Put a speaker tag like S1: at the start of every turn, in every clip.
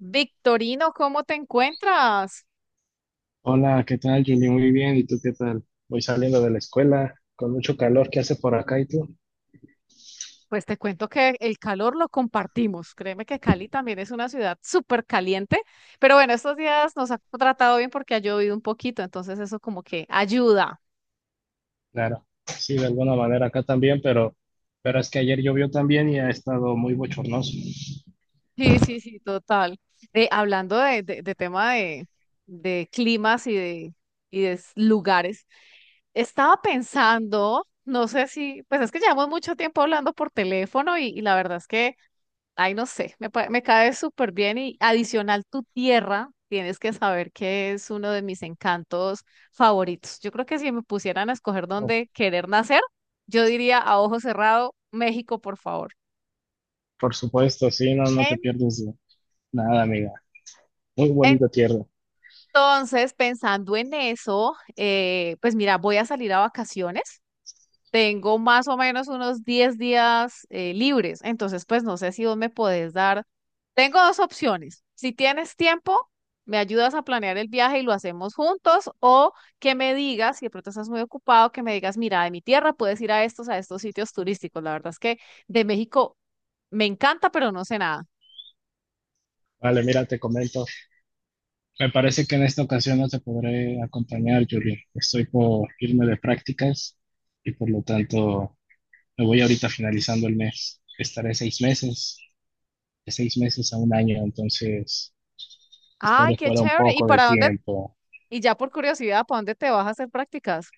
S1: Victorino, ¿cómo te encuentras?
S2: Hola, ¿qué tal, Julie? Muy bien, ¿y tú qué tal? Voy saliendo de la escuela con mucho calor que hace por acá, ¿y tú?
S1: Pues te cuento que el calor lo compartimos. Créeme que Cali también es una ciudad súper caliente, pero bueno, estos días nos ha tratado bien porque ha llovido un poquito, entonces eso como que ayuda.
S2: Claro, sí, de alguna manera acá también, pero es que ayer llovió también y ha estado muy bochornoso.
S1: Sí, sí, sí, total. Hablando de tema de climas y de lugares, estaba pensando, no sé si, pues es que llevamos mucho tiempo hablando por teléfono y la verdad es que... Ay, no sé, me cae súper bien y adicional tu tierra, tienes que saber que es uno de mis encantos favoritos. Yo creo que si me pusieran a escoger
S2: Oh,
S1: dónde querer nacer, yo diría a ojo cerrado, México, por favor.
S2: por supuesto, sí, no, no te
S1: En-
S2: pierdes de nada, amiga. Muy bonita tierra.
S1: entonces, pensando en eso, pues mira, voy a salir a vacaciones. Tengo más o menos unos 10 días libres, entonces pues no sé si vos me podés dar. Tengo dos opciones. Si tienes tiempo, me ayudas a planear el viaje y lo hacemos juntos, o que me digas, si de pronto estás muy ocupado, que me digas, mira, de mi tierra puedes ir a estos sitios turísticos. La verdad es que de México me encanta, pero no sé nada.
S2: Vale, mira, te comento. Me parece que en esta ocasión no te podré acompañar, Julie. Estoy por irme de prácticas y por lo tanto me voy ahorita finalizando el mes. Estaré 6 meses. De 6 meses a un año, entonces
S1: Ay,
S2: estaré
S1: qué
S2: fuera un
S1: chévere. ¿Y
S2: poco de
S1: para dónde?
S2: tiempo.
S1: Y ya por curiosidad, ¿para dónde te vas a hacer prácticas?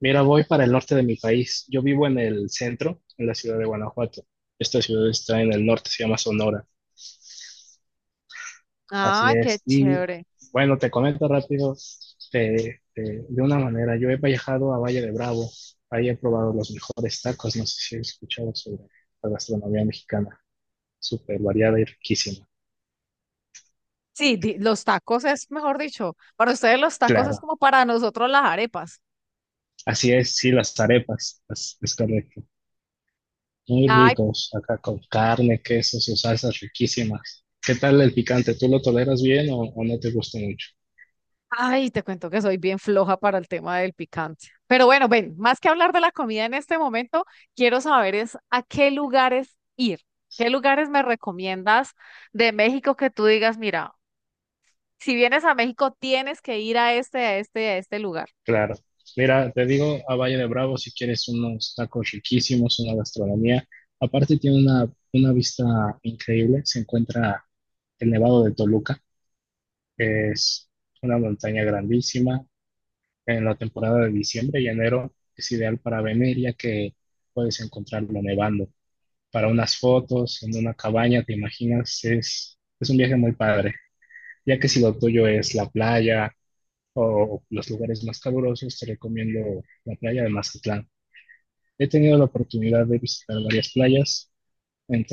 S2: Mira, voy para el norte de mi país. Yo vivo en el centro, en la ciudad de Guanajuato. Esta ciudad está en el norte, se llama Sonora. Así
S1: Ay, qué
S2: es. Y
S1: chévere.
S2: bueno, te comento rápido de una manera. Yo he viajado a Valle de Bravo. Ahí he probado los mejores tacos. No sé si he escuchado sobre la gastronomía mexicana. Súper variada y riquísima.
S1: Sí, los tacos es, mejor dicho, para ustedes los tacos es
S2: Claro.
S1: como para nosotros las arepas.
S2: Así es, sí, las arepas. Es correcto. Muy
S1: Ay,
S2: ricos, acá con carne, queso, sus salsas riquísimas. ¿Qué tal el picante? ¿Tú lo toleras bien o no te gusta mucho?
S1: ay, te cuento que soy bien floja para el tema del picante. Pero bueno, ven, más que hablar de la comida en este momento, quiero saber es a qué lugares ir. ¿Qué lugares me recomiendas de México que tú digas, mira, si vienes a México tienes que ir a este, a este, a este lugar?
S2: Claro. Mira, te digo a Valle de Bravo si quieres unos tacos riquísimos, una gastronomía. Aparte tiene una vista increíble. Se encuentra el Nevado de Toluca. Es una montaña grandísima. En la temporada de diciembre y enero es ideal para venir ya que puedes encontrarlo nevando, para unas fotos en una cabaña, ¿te imaginas? Es un viaje muy padre, ya que si lo tuyo es la playa o los lugares más calurosos, te recomiendo la playa de Mazatlán. He tenido la oportunidad de visitar varias playas,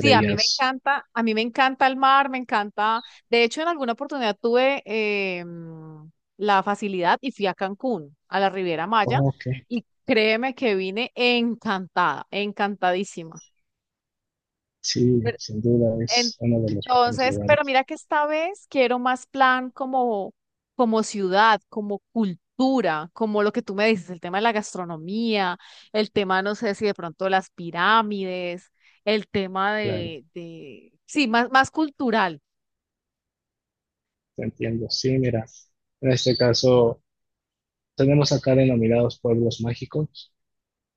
S1: Sí, a mí me
S2: ellas,
S1: encanta, a mí me encanta el mar, me encanta. De hecho, en alguna oportunidad tuve la facilidad y fui a Cancún, a la Riviera Maya,
S2: oh, ok,
S1: y créeme que vine encantada, encantadísima.
S2: sí,
S1: Pero,
S2: sin duda
S1: en-
S2: es uno de los mejores
S1: entonces, pero
S2: lugares,
S1: mira que esta vez quiero más plan como, como ciudad, como cultura, como lo que tú me dices, el tema de la gastronomía, el tema, no sé si de pronto las pirámides, el tema
S2: claro,
S1: sí, más, más cultural.
S2: te entiendo. Sí, mira, en este caso tenemos acá denominados pueblos mágicos,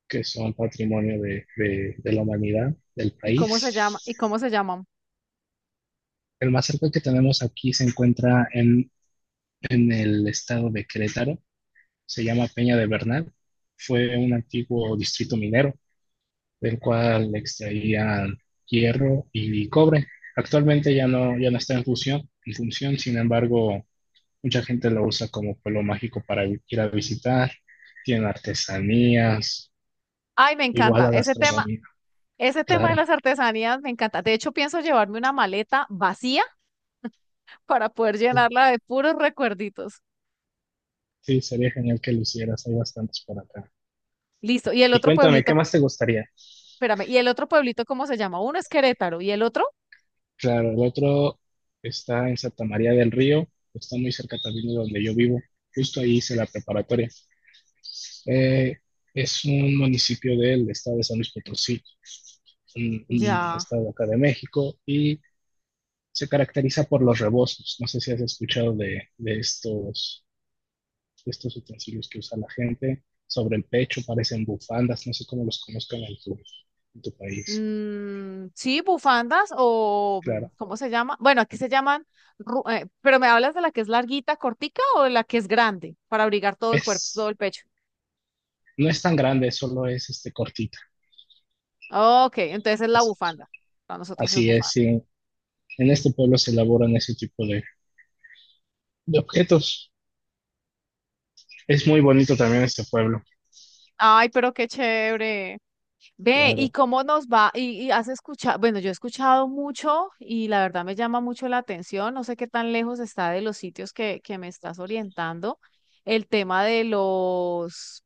S2: que son patrimonio de la humanidad, del
S1: ¿Y cómo se llama?
S2: país.
S1: ¿Y cómo se llaman?
S2: El más cerca que tenemos aquí se encuentra en el estado de Querétaro, se llama Peña de Bernal, fue un antiguo distrito minero del cual extraían hierro y cobre. Actualmente ya no está en función, sin embargo, mucha gente lo usa como pueblo mágico para ir a visitar, tienen artesanías,
S1: Ay, me
S2: igual
S1: encanta
S2: a
S1: ese tema.
S2: gastronomía,
S1: Ese tema
S2: claro.
S1: de las artesanías me encanta. De hecho, pienso llevarme una maleta vacía para poder
S2: Sí,
S1: llenarla de puros recuerditos.
S2: sí, sería genial que lo hicieras, hay bastantes por acá.
S1: Listo. ¿Y el
S2: Y
S1: otro
S2: cuéntame, ¿qué
S1: pueblito?
S2: más te gustaría?
S1: Espérame, ¿y el otro pueblito cómo se llama? Uno es Querétaro y el otro
S2: Claro, el otro está en Santa María del Río, está muy cerca también de donde yo vivo, justo ahí hice la preparatoria. Eh, es un municipio del estado de San Luis Potosí, un
S1: ya.
S2: estado acá de México, y se caracteriza por los rebozos. No sé si has escuchado de estos, de estos utensilios que usa la gente sobre el pecho, parecen bufandas, no sé cómo los conozcan en tu país.
S1: Mm, sí, bufandas o mm,
S2: Claro,
S1: ¿cómo se llama? Bueno, aquí se llaman, pero me hablas de la que es larguita, cortica, o de la que es grande para abrigar todo el cuerpo, todo
S2: es,
S1: el pecho.
S2: no es tan grande, solo es este cortita.
S1: Ok, entonces es la
S2: Así,
S1: bufanda. Para nosotros es
S2: así es,
S1: bufanda.
S2: sí. En este pueblo se elaboran ese tipo de objetos. Es muy bonito también este pueblo.
S1: Ay, pero qué chévere. Ve, ¿y
S2: Claro,
S1: cómo nos va? Y has escuchado? Bueno, yo he escuchado mucho y la verdad me llama mucho la atención. No sé qué tan lejos está de los sitios que me estás orientando. El tema de los,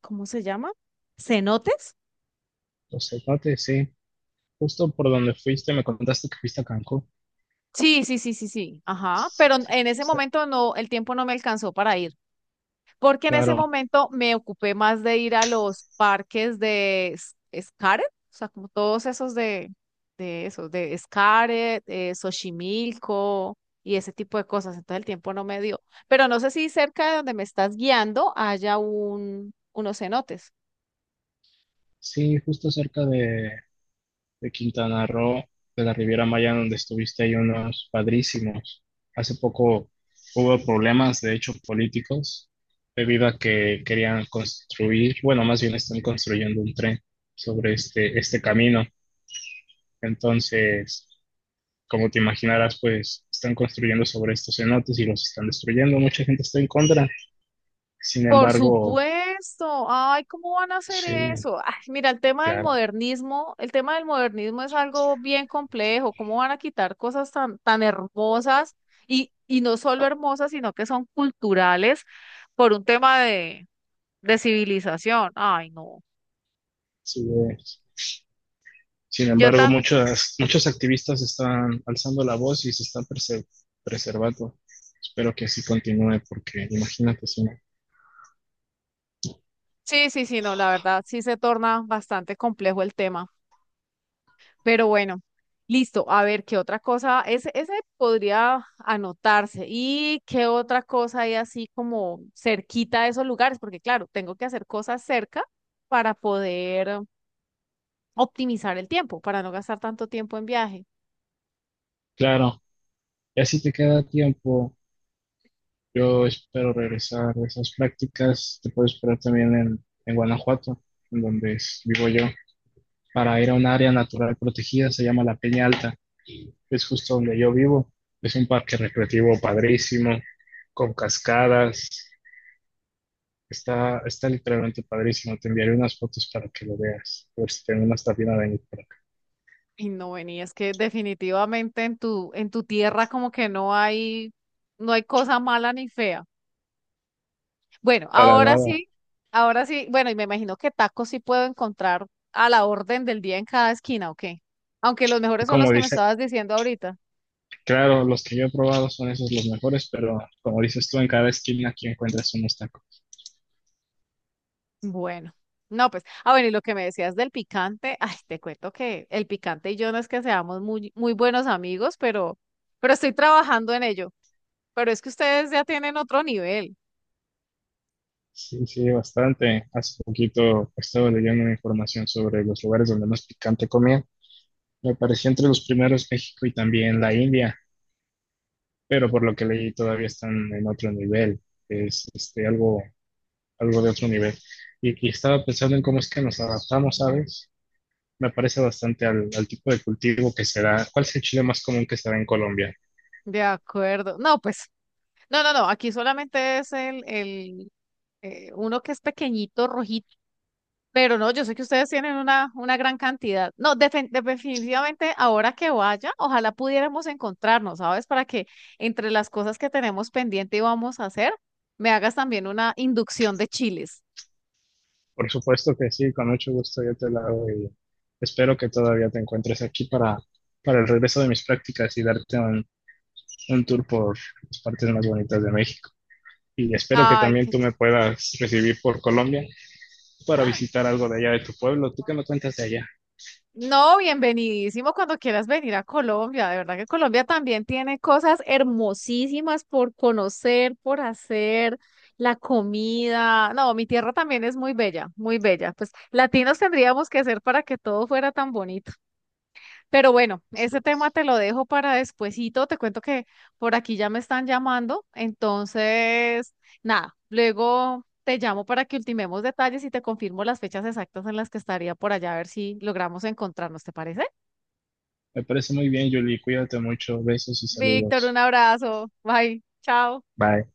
S1: ¿cómo se llama? ¿Cenotes?
S2: los cenotes, sí. Justo por donde fuiste, me contaste que fuiste a Cancún.
S1: Sí, sí, sí, sí, sí. Ajá.
S2: Sí,
S1: Pero
S2: sí,
S1: en ese
S2: sí,
S1: momento no, el tiempo no me alcanzó para ir, porque en ese
S2: claro,
S1: momento me ocupé más de ir a los parques de Xcaret, o sea, como todos esos de esos, de Xcaret, Xochimilco y ese tipo de cosas, entonces el tiempo no me dio. Pero no sé si cerca de donde me estás guiando haya unos cenotes.
S2: sí, justo cerca de Quintana Roo, de la Riviera Maya, donde estuviste, hay unos padrísimos. Hace poco hubo problemas, de hecho, políticos, debido a que querían construir, bueno, más bien están construyendo un tren sobre este camino. Entonces, como te imaginarás, pues están construyendo sobre estos cenotes y los están destruyendo. Mucha gente está en contra. Sin
S1: Por
S2: embargo,
S1: supuesto. Ay, ¿cómo van a hacer
S2: sí,
S1: eso? Ay, mira, el tema del
S2: claro,
S1: modernismo, el tema del modernismo es algo bien complejo. ¿Cómo van a quitar cosas tan, tan hermosas y no solo hermosas, sino que son culturales por un tema de civilización? Ay, no.
S2: sí es. Sin
S1: Yo
S2: embargo,
S1: tan,
S2: muchos activistas están alzando la voz y se están preservando. Espero que así continúe, porque imagínate si no.
S1: sí, sí, sí, no, la verdad, sí se torna bastante complejo el tema. Pero bueno, listo. A ver, ¿qué otra cosa? Ese podría anotarse. ¿Y qué otra cosa hay así como cerquita de esos lugares? Porque claro, tengo que hacer cosas cerca para poder optimizar el tiempo, para no gastar tanto tiempo en viaje.
S2: Claro, y así te queda tiempo. Yo espero regresar a esas prácticas. Te puedo esperar también en Guanajuato, en donde vivo yo, para ir a un área natural protegida, se llama la Peña Alta, que es justo donde yo vivo. Es un parque recreativo padrísimo, con cascadas. Está literalmente padrísimo. Te enviaré unas fotos para que lo veas. A ver si tengo una estación a venir por acá.
S1: Y no, ven, y es que definitivamente en tu tierra como que no hay, no hay cosa mala ni fea. Bueno,
S2: Para nada.
S1: ahora sí, bueno, y me imagino que tacos sí puedo encontrar a la orden del día en cada esquina, o qué. Aunque los
S2: Y
S1: mejores son los
S2: como
S1: que me
S2: dice,
S1: estabas diciendo ahorita.
S2: claro, los que yo he probado son esos los mejores, pero como dices tú, en cada esquina aquí encuentras unos tacos.
S1: Bueno, no, pues, ah, bueno, y lo que me decías del picante, ay, te cuento que el picante y yo no es que seamos muy, muy buenos amigos, pero estoy trabajando en ello. Pero es que ustedes ya tienen otro nivel.
S2: Sí, sí, bastante. Hace poquito pues, estaba leyendo una información sobre los lugares donde más picante comían. Me pareció entre los primeros México y también la India, pero por lo que leí todavía están en otro nivel, es este, algo, algo de otro nivel. Y estaba pensando en cómo es que nos adaptamos, ¿sabes? Me parece bastante al tipo de cultivo que se da. ¿Cuál es el chile más común que se da en Colombia?
S1: De acuerdo. No, pues, no, no, no, aquí solamente es el, uno que es pequeñito, rojito. Pero no, yo sé que ustedes tienen una gran cantidad. No, definitivamente ahora que vaya, ojalá pudiéramos encontrarnos, ¿sabes? Para que entre las cosas que tenemos pendiente y vamos a hacer, me hagas también una inducción de chiles.
S2: Por supuesto que sí, con mucho gusto yo te la hago y espero que todavía te encuentres aquí para el regreso de mis prácticas y darte un tour por las partes más bonitas de México. Y espero que
S1: Ay,
S2: también tú me puedas recibir por Colombia para visitar algo de allá de tu pueblo. ¿Tú qué me cuentas de allá?
S1: no, bienvenidísimo cuando quieras venir a Colombia. De verdad que Colombia también tiene cosas hermosísimas por conocer, por hacer, la comida. No, mi tierra también es muy bella, muy bella. Pues latinos tendríamos que ser para que todo fuera tan bonito. Pero bueno,
S2: Así
S1: ese tema
S2: es.
S1: te lo dejo para despuesito. Te cuento que por aquí ya me están llamando. Entonces, nada, luego te llamo para que ultimemos detalles y te confirmo las fechas exactas en las que estaría por allá, a ver si logramos encontrarnos, ¿te parece?
S2: Me parece muy bien, Julie. Cuídate mucho. Besos y
S1: Víctor, un
S2: saludos.
S1: abrazo. Bye. Chao.
S2: Bye.